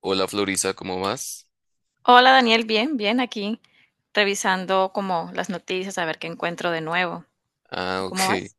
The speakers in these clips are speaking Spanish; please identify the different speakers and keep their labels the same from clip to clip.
Speaker 1: Hola Florisa, ¿cómo vas?
Speaker 2: Hola Daniel, bien, bien, aquí revisando como las noticias, a ver qué encuentro de nuevo. ¿Tú
Speaker 1: Ah,
Speaker 2: cómo
Speaker 1: ok.
Speaker 2: vas?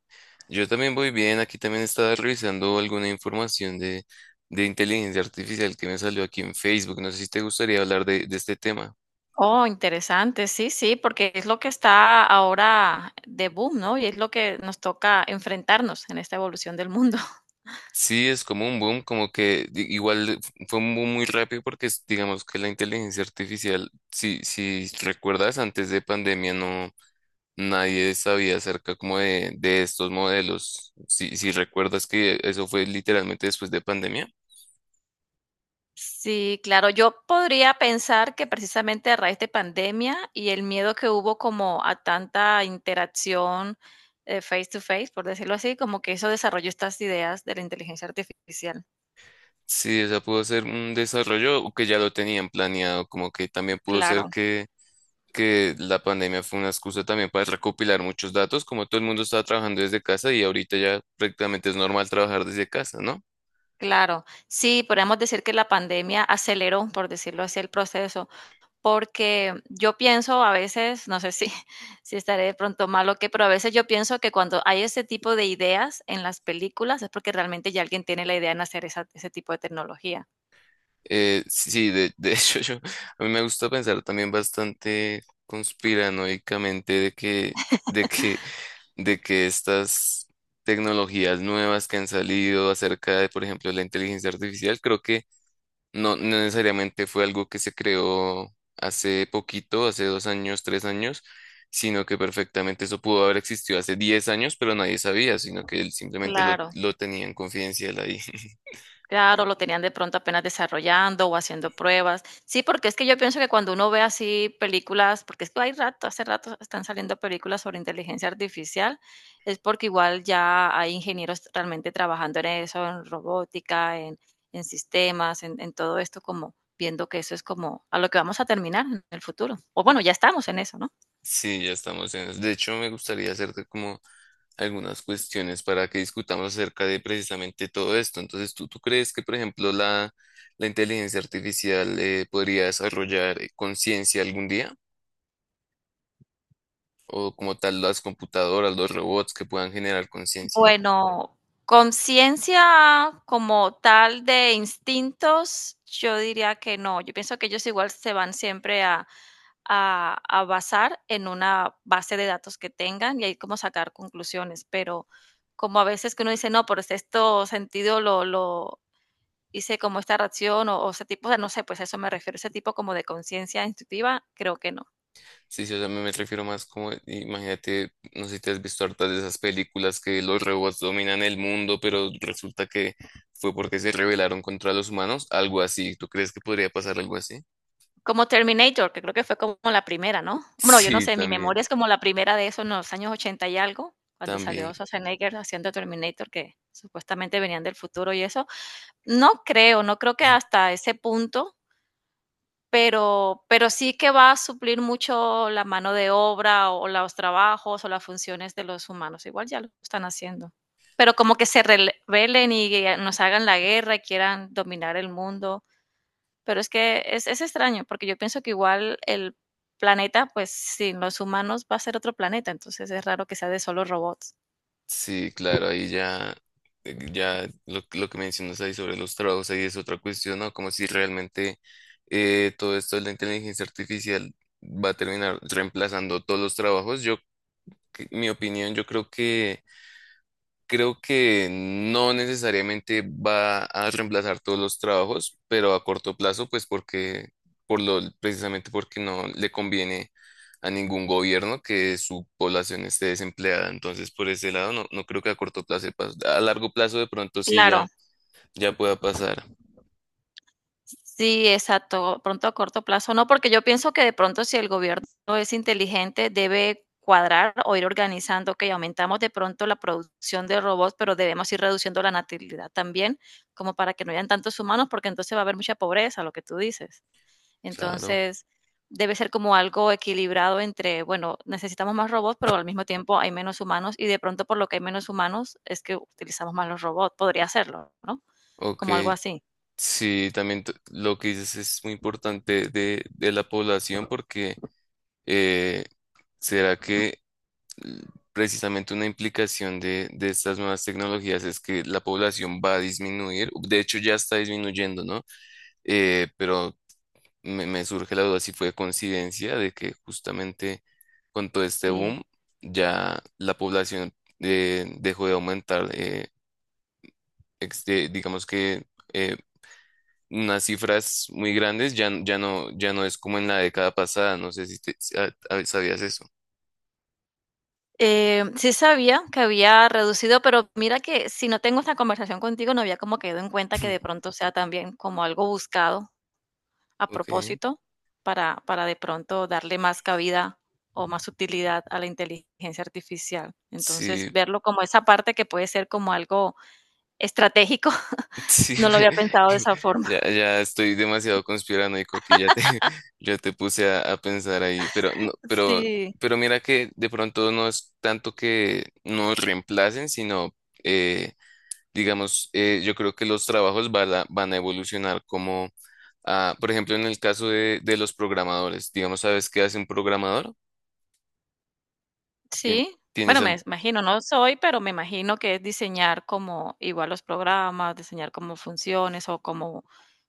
Speaker 1: Yo también voy bien. Aquí también estaba revisando alguna información de inteligencia artificial que me salió aquí en Facebook. No sé si te gustaría hablar de este tema.
Speaker 2: Oh, interesante, sí, sí, porque es lo que está ahora de boom, ¿no? Y es lo que nos toca enfrentarnos en esta evolución del mundo.
Speaker 1: Sí, es como un boom, como que igual fue un boom muy rápido porque digamos que la inteligencia artificial, si recuerdas, antes de pandemia nadie sabía acerca como de estos modelos. Si recuerdas que eso fue literalmente después de pandemia.
Speaker 2: Sí, claro, yo podría pensar que precisamente a raíz de pandemia y el miedo que hubo como a tanta interacción face to face, por decirlo así, como que eso desarrolló estas ideas de la inteligencia artificial.
Speaker 1: Sí, o sea, pudo ser un desarrollo que ya lo tenían planeado, como que también pudo ser
Speaker 2: Claro.
Speaker 1: que la pandemia fue una excusa también para recopilar muchos datos, como todo el mundo estaba trabajando desde casa y ahorita ya prácticamente es normal trabajar desde casa, ¿no?
Speaker 2: Claro, sí, podríamos decir que la pandemia aceleró, por decirlo así, el proceso, porque yo pienso a veces, no sé si, si estaré de pronto mal o qué, pero a veces yo pienso que cuando hay ese tipo de ideas en las películas es porque realmente ya alguien tiene la idea en hacer ese tipo de tecnología.
Speaker 1: Sí, de a mí me gusta pensar también bastante conspiranoicamente de que, de que estas tecnologías nuevas que han salido acerca de, por ejemplo, la inteligencia artificial, creo que no necesariamente fue algo que se creó hace poquito, hace dos años, tres años, sino que perfectamente eso pudo haber existido hace diez años, pero nadie sabía, sino que él simplemente
Speaker 2: Claro.
Speaker 1: lo tenía en confidencial ahí.
Speaker 2: Claro, lo tenían de pronto apenas desarrollando o haciendo pruebas. Sí, porque es que yo pienso que cuando uno ve así películas, porque es que hay rato, hace rato están saliendo películas sobre inteligencia artificial, es porque igual ya hay ingenieros realmente trabajando en eso, en robótica, en sistemas, en todo esto, como viendo que eso es como a lo que vamos a terminar en el futuro. O bueno, ya estamos en eso, ¿no?
Speaker 1: Sí, ya estamos en eso. De hecho, me gustaría hacerte como algunas cuestiones para que discutamos acerca de precisamente todo esto. Entonces, ¿ tú crees que, por ejemplo, la inteligencia artificial podría desarrollar conciencia algún día? ¿O como tal las computadoras, los robots que puedan generar conciencia?
Speaker 2: Bueno, conciencia como tal de instintos, yo diría que no. Yo pienso que ellos igual se van siempre a basar en una base de datos que tengan y ahí como sacar conclusiones, pero como a veces que uno dice, no, por este esto sentido lo hice como esta reacción o ese tipo de, no sé, pues a eso me refiero, ese tipo como de conciencia instintiva, creo que no.
Speaker 1: Sí, sí, o sea, me refiero más como, imagínate, no sé si te has visto hartas de esas películas que los robots dominan el mundo, pero resulta que fue porque se rebelaron contra los humanos, algo así. ¿Tú crees que podría pasar algo así?
Speaker 2: Como Terminator, que creo que fue como la primera, ¿no? Bueno, yo no
Speaker 1: Sí,
Speaker 2: sé, mi
Speaker 1: también,
Speaker 2: memoria es como la primera de eso en los años 80 y algo, cuando
Speaker 1: también.
Speaker 2: salió Schwarzenegger haciendo Terminator, que supuestamente venían del futuro y eso. No creo, no creo que hasta ese punto, pero sí que va a suplir mucho la mano de obra, o los trabajos, o las funciones de los humanos. Igual ya lo están haciendo. Pero como que se rele rebelen y nos hagan la guerra y quieran dominar el mundo. Pero es que es extraño, porque yo pienso que igual el planeta, pues sin los humanos va a ser otro planeta, entonces es raro que sea de solo robots.
Speaker 1: Sí, claro, ya lo que mencionas ahí sobre los trabajos, ahí es otra cuestión, ¿no? Como si realmente todo esto de la inteligencia artificial va a terminar reemplazando todos los trabajos. Mi opinión, yo creo que creo que no necesariamente va a reemplazar todos los trabajos, pero a corto plazo, por lo, precisamente porque no le conviene a ningún gobierno que su población esté desempleada. Entonces, por ese lado, no creo que a corto plazo, a largo plazo de pronto sí ya,
Speaker 2: Claro,
Speaker 1: ya pueda pasar.
Speaker 2: sí, exacto, pronto a corto plazo, no, porque yo pienso que de pronto si el gobierno es inteligente debe cuadrar o ir organizando, que aumentamos de pronto la producción de robots, pero debemos ir reduciendo la natalidad también, como para que no hayan tantos humanos, porque entonces va a haber mucha pobreza, lo que tú dices.
Speaker 1: Claro.
Speaker 2: Entonces, debe ser como algo equilibrado entre, bueno, necesitamos más robots, pero al mismo tiempo hay menos humanos y de pronto por lo que hay menos humanos es que utilizamos más los robots. Podría serlo, ¿no?
Speaker 1: Ok.
Speaker 2: Como algo así.
Speaker 1: Sí, también lo que dices es muy importante de la población porque eh, será que l- precisamente una implicación de estas nuevas tecnologías es que la población va a disminuir, de hecho ya está disminuyendo, ¿no? Pero me surge la duda si fue coincidencia de que justamente con todo este
Speaker 2: Sí.
Speaker 1: boom ya la población dejó de aumentar, digamos que eh, unas cifras muy grandes ya, ya no es como en la década pasada, no sé si sabías eso.
Speaker 2: Sí sabía que había reducido, pero mira que si no tengo esta conversación contigo, no había como quedado en cuenta que de pronto sea también como algo buscado a
Speaker 1: Ok,
Speaker 2: propósito para de pronto darle más cabida o más utilidad a la inteligencia artificial. Entonces,
Speaker 1: sí,
Speaker 2: verlo como esa parte que puede ser como algo estratégico,
Speaker 1: sí,
Speaker 2: no lo había pensado de esa
Speaker 1: ya,
Speaker 2: forma.
Speaker 1: ya estoy demasiado conspiranoico que ya te, ya te puse a pensar ahí, pero no,
Speaker 2: Sí,
Speaker 1: pero mira que de pronto no es tanto que nos reemplacen, sino eh, yo creo que los trabajos van a evolucionar como, ah, por ejemplo, en el caso de los programadores, digamos, ¿sabes qué hace un programador? Tien-
Speaker 2: sí.
Speaker 1: ¿Tienes
Speaker 2: Bueno, me
Speaker 1: algo
Speaker 2: imagino, no soy, pero me imagino que es diseñar como igual los programas, diseñar como funciones o como,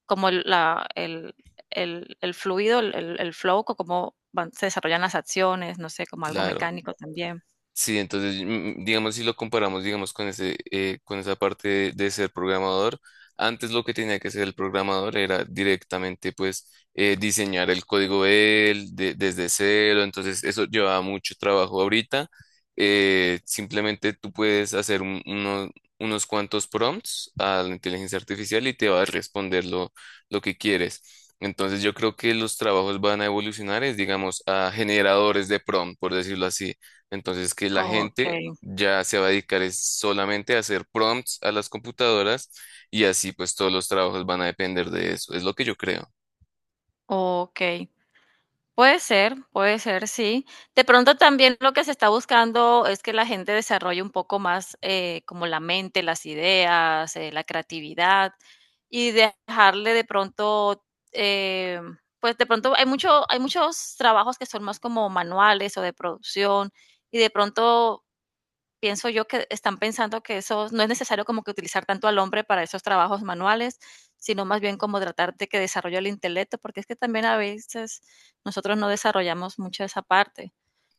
Speaker 2: como el fluido, el flow, o se desarrollan las acciones, no sé, como algo
Speaker 1: claro?
Speaker 2: mecánico también.
Speaker 1: Sí, entonces, digamos, si lo comparamos, digamos, con ese, con esa parte de ser programador, antes lo que tenía que hacer el programador era directamente, pues, diseñar el código desde cero, entonces eso llevaba mucho trabajo. Ahorita, simplemente tú puedes hacer unos cuantos prompts a la inteligencia artificial y te va a responder lo que quieres. Entonces, yo creo que los trabajos van a evolucionar, es, digamos, a generadores de prompt, por decirlo así, entonces, que la
Speaker 2: Ok.
Speaker 1: gente ya se va a dedicar es solamente a hacer prompts a las computadoras y así pues todos los trabajos van a depender de eso. Es lo que yo creo.
Speaker 2: Ok, puede ser, sí. De pronto también lo que se está buscando es que la gente desarrolle un poco más como la mente, las ideas, la creatividad y dejarle de pronto, eh, pues de pronto hay mucho, hay muchos trabajos que son más como manuales o de producción y de pronto pienso yo que están pensando que eso no es necesario como que utilizar tanto al hombre para esos trabajos manuales, sino más bien como tratar de que desarrolle el intelecto, porque es que también a veces nosotros no desarrollamos mucho esa parte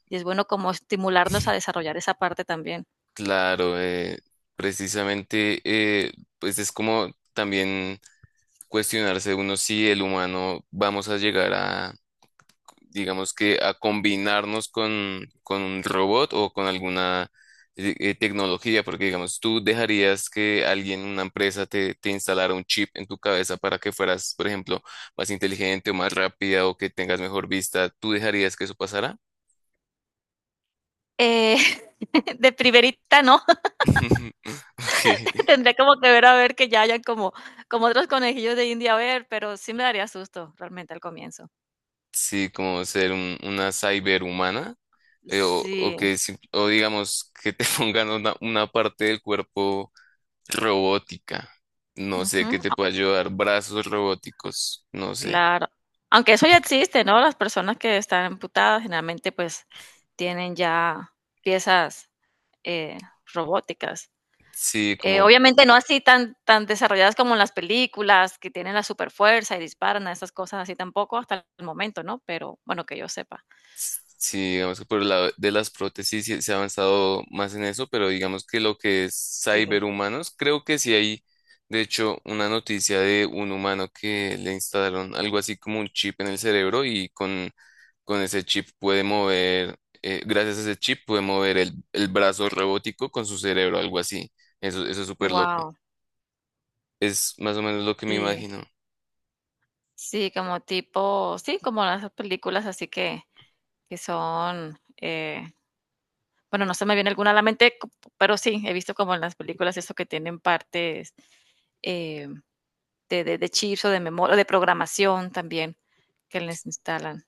Speaker 2: y es bueno como estimularnos a desarrollar esa parte también.
Speaker 1: Claro, precisamente, pues es como también cuestionarse uno si el humano vamos a llegar a, digamos que a combinarnos con un robot o con alguna tecnología, porque digamos, tú dejarías que alguien, una empresa, te instalara un chip en tu cabeza para que fueras, por ejemplo, más inteligente o más rápida o que tengas mejor vista, ¿tú dejarías que eso pasara?
Speaker 2: Eh, de primerita no,
Speaker 1: Ok,
Speaker 2: tendría como que ver a ver que ya hayan como, como otros conejillos de India, a ver, pero sí me daría susto realmente al comienzo.
Speaker 1: sí, como ser una cyberhumana. O o
Speaker 2: Sí.
Speaker 1: que o digamos que te pongan una parte del cuerpo robótica. No sé qué
Speaker 2: Ujú.
Speaker 1: te puede ayudar. Brazos robóticos. No sé.
Speaker 2: Claro. Aunque eso ya existe, ¿no? Las personas que están amputadas generalmente pues tienen ya piezas, eh, robóticas.
Speaker 1: Sí, como,
Speaker 2: Obviamente no así tan desarrolladas como en las películas, que tienen la superfuerza y disparan a esas cosas así tampoco hasta el momento, ¿no? Pero bueno, que yo sepa.
Speaker 1: sí, digamos que por el lado de las prótesis sí se ha avanzado más en eso, pero digamos que lo que es
Speaker 2: Sí.
Speaker 1: cyberhumanos, creo que sí hay, de hecho, una noticia de un humano que le instalaron algo así como un chip en el cerebro con ese chip puede mover, gracias a ese chip puede mover el brazo robótico con su cerebro, algo así. Eso es súper loco.
Speaker 2: Wow.
Speaker 1: Es más o menos lo que me
Speaker 2: Sí.
Speaker 1: imagino.
Speaker 2: Sí, como tipo sí, como las películas así que son, bueno, no se me viene alguna a la mente, pero sí, he visto como en las películas eso que tienen partes, eh, de chips o de memoria, de programación también, que les instalan.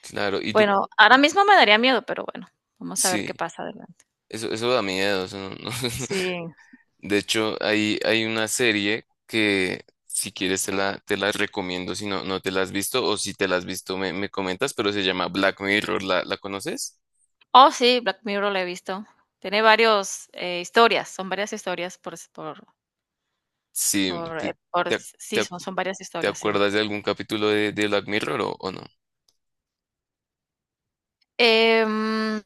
Speaker 1: Claro, y tú,
Speaker 2: Bueno, ahora mismo me daría miedo, pero bueno, vamos a ver
Speaker 1: sí,
Speaker 2: qué pasa adelante.
Speaker 1: eso da miedo. Eso no- no-
Speaker 2: Sí.
Speaker 1: De hecho, hay una serie que si quieres te la recomiendo, si no, no te la has visto o si te la has visto me comentas, pero se llama Black Mirror, la conoces?
Speaker 2: Oh, sí, Black Mirror la he visto. Tiene varios, historias, son varias historias
Speaker 1: Sí,
Speaker 2: por
Speaker 1: te, ac-
Speaker 2: s-
Speaker 1: te
Speaker 2: sí,
Speaker 1: ac-
Speaker 2: son varias
Speaker 1: te
Speaker 2: historias, sí.
Speaker 1: acuerdas de algún capítulo de Black Mirror o no?
Speaker 2: Em,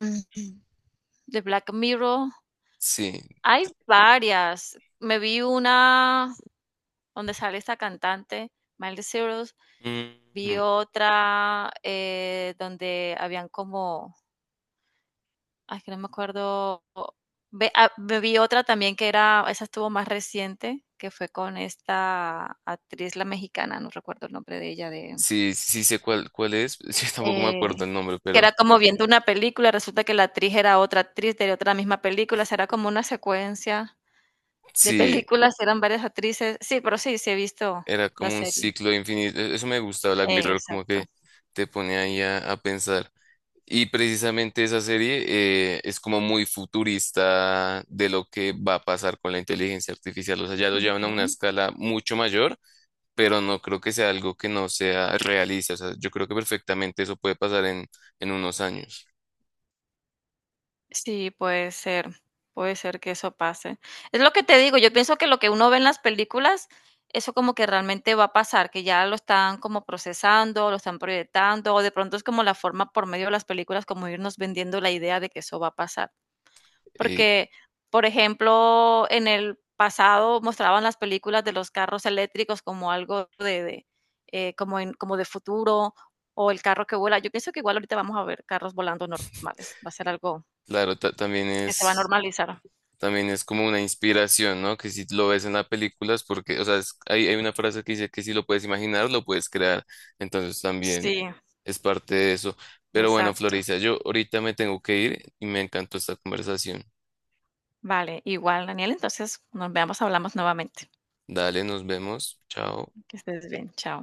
Speaker 2: de Black Mirror,
Speaker 1: Sí.
Speaker 2: hay varias. Me vi una donde sale esta cantante, Miley Cyrus.
Speaker 1: Ujú.
Speaker 2: Vi otra donde habían como, ay, que no me acuerdo. Vi otra también que era, esa estuvo más reciente, que fue con esta actriz, la mexicana, no recuerdo el nombre de ella, de,
Speaker 1: Sí, sí sí sé cuál es, sí, tampoco me
Speaker 2: eh,
Speaker 1: acuerdo el nombre,
Speaker 2: que
Speaker 1: pero
Speaker 2: era como viendo una película, resulta que la actriz era otra actriz de otra misma película, será como una secuencia de
Speaker 1: sí.
Speaker 2: películas, eran varias actrices. Sí, pero sí, sí he visto
Speaker 1: Era
Speaker 2: la
Speaker 1: como un
Speaker 2: serie.
Speaker 1: ciclo infinito. Eso me gusta, Black Mirror, como que
Speaker 2: Exacto.
Speaker 1: te pone ahí a pensar. Y precisamente esa serie es como muy futurista de lo que va a pasar con la inteligencia artificial. O sea, ya lo llevan a una
Speaker 2: Ujú.
Speaker 1: escala mucho mayor, pero no creo que sea algo que no sea realista. O sea, yo creo que perfectamente eso puede pasar en unos años.
Speaker 2: Sí, puede ser que eso pase. Es lo que te digo, yo pienso que lo que uno ve en las películas, eso como que realmente va a pasar, que ya lo están como procesando, lo están proyectando, o de pronto es como la forma por medio de las películas como irnos vendiendo la idea de que eso va a pasar.
Speaker 1: Eh,
Speaker 2: Porque, por ejemplo, en el pasado mostraban las películas de los carros eléctricos como algo de, como en, como de futuro, o el carro que vuela. Yo pienso que igual ahorita vamos a ver carros volando normales, va a ser algo
Speaker 1: claro, también
Speaker 2: que se va a
Speaker 1: es.
Speaker 2: normalizar.
Speaker 1: También es como una inspiración, ¿no? Que si lo ves en la película es porque, o sea, hay una frase que dice que si lo puedes imaginar, lo puedes crear. Entonces también
Speaker 2: Sí,
Speaker 1: es parte de eso. Pero bueno,
Speaker 2: exacto.
Speaker 1: Florisa, yo ahorita me tengo que ir y me encantó esta conversación.
Speaker 2: Vale, igual, Daniel, entonces nos veamos, hablamos nuevamente.
Speaker 1: Dale, nos vemos. Chao.
Speaker 2: Que estés bien, chao.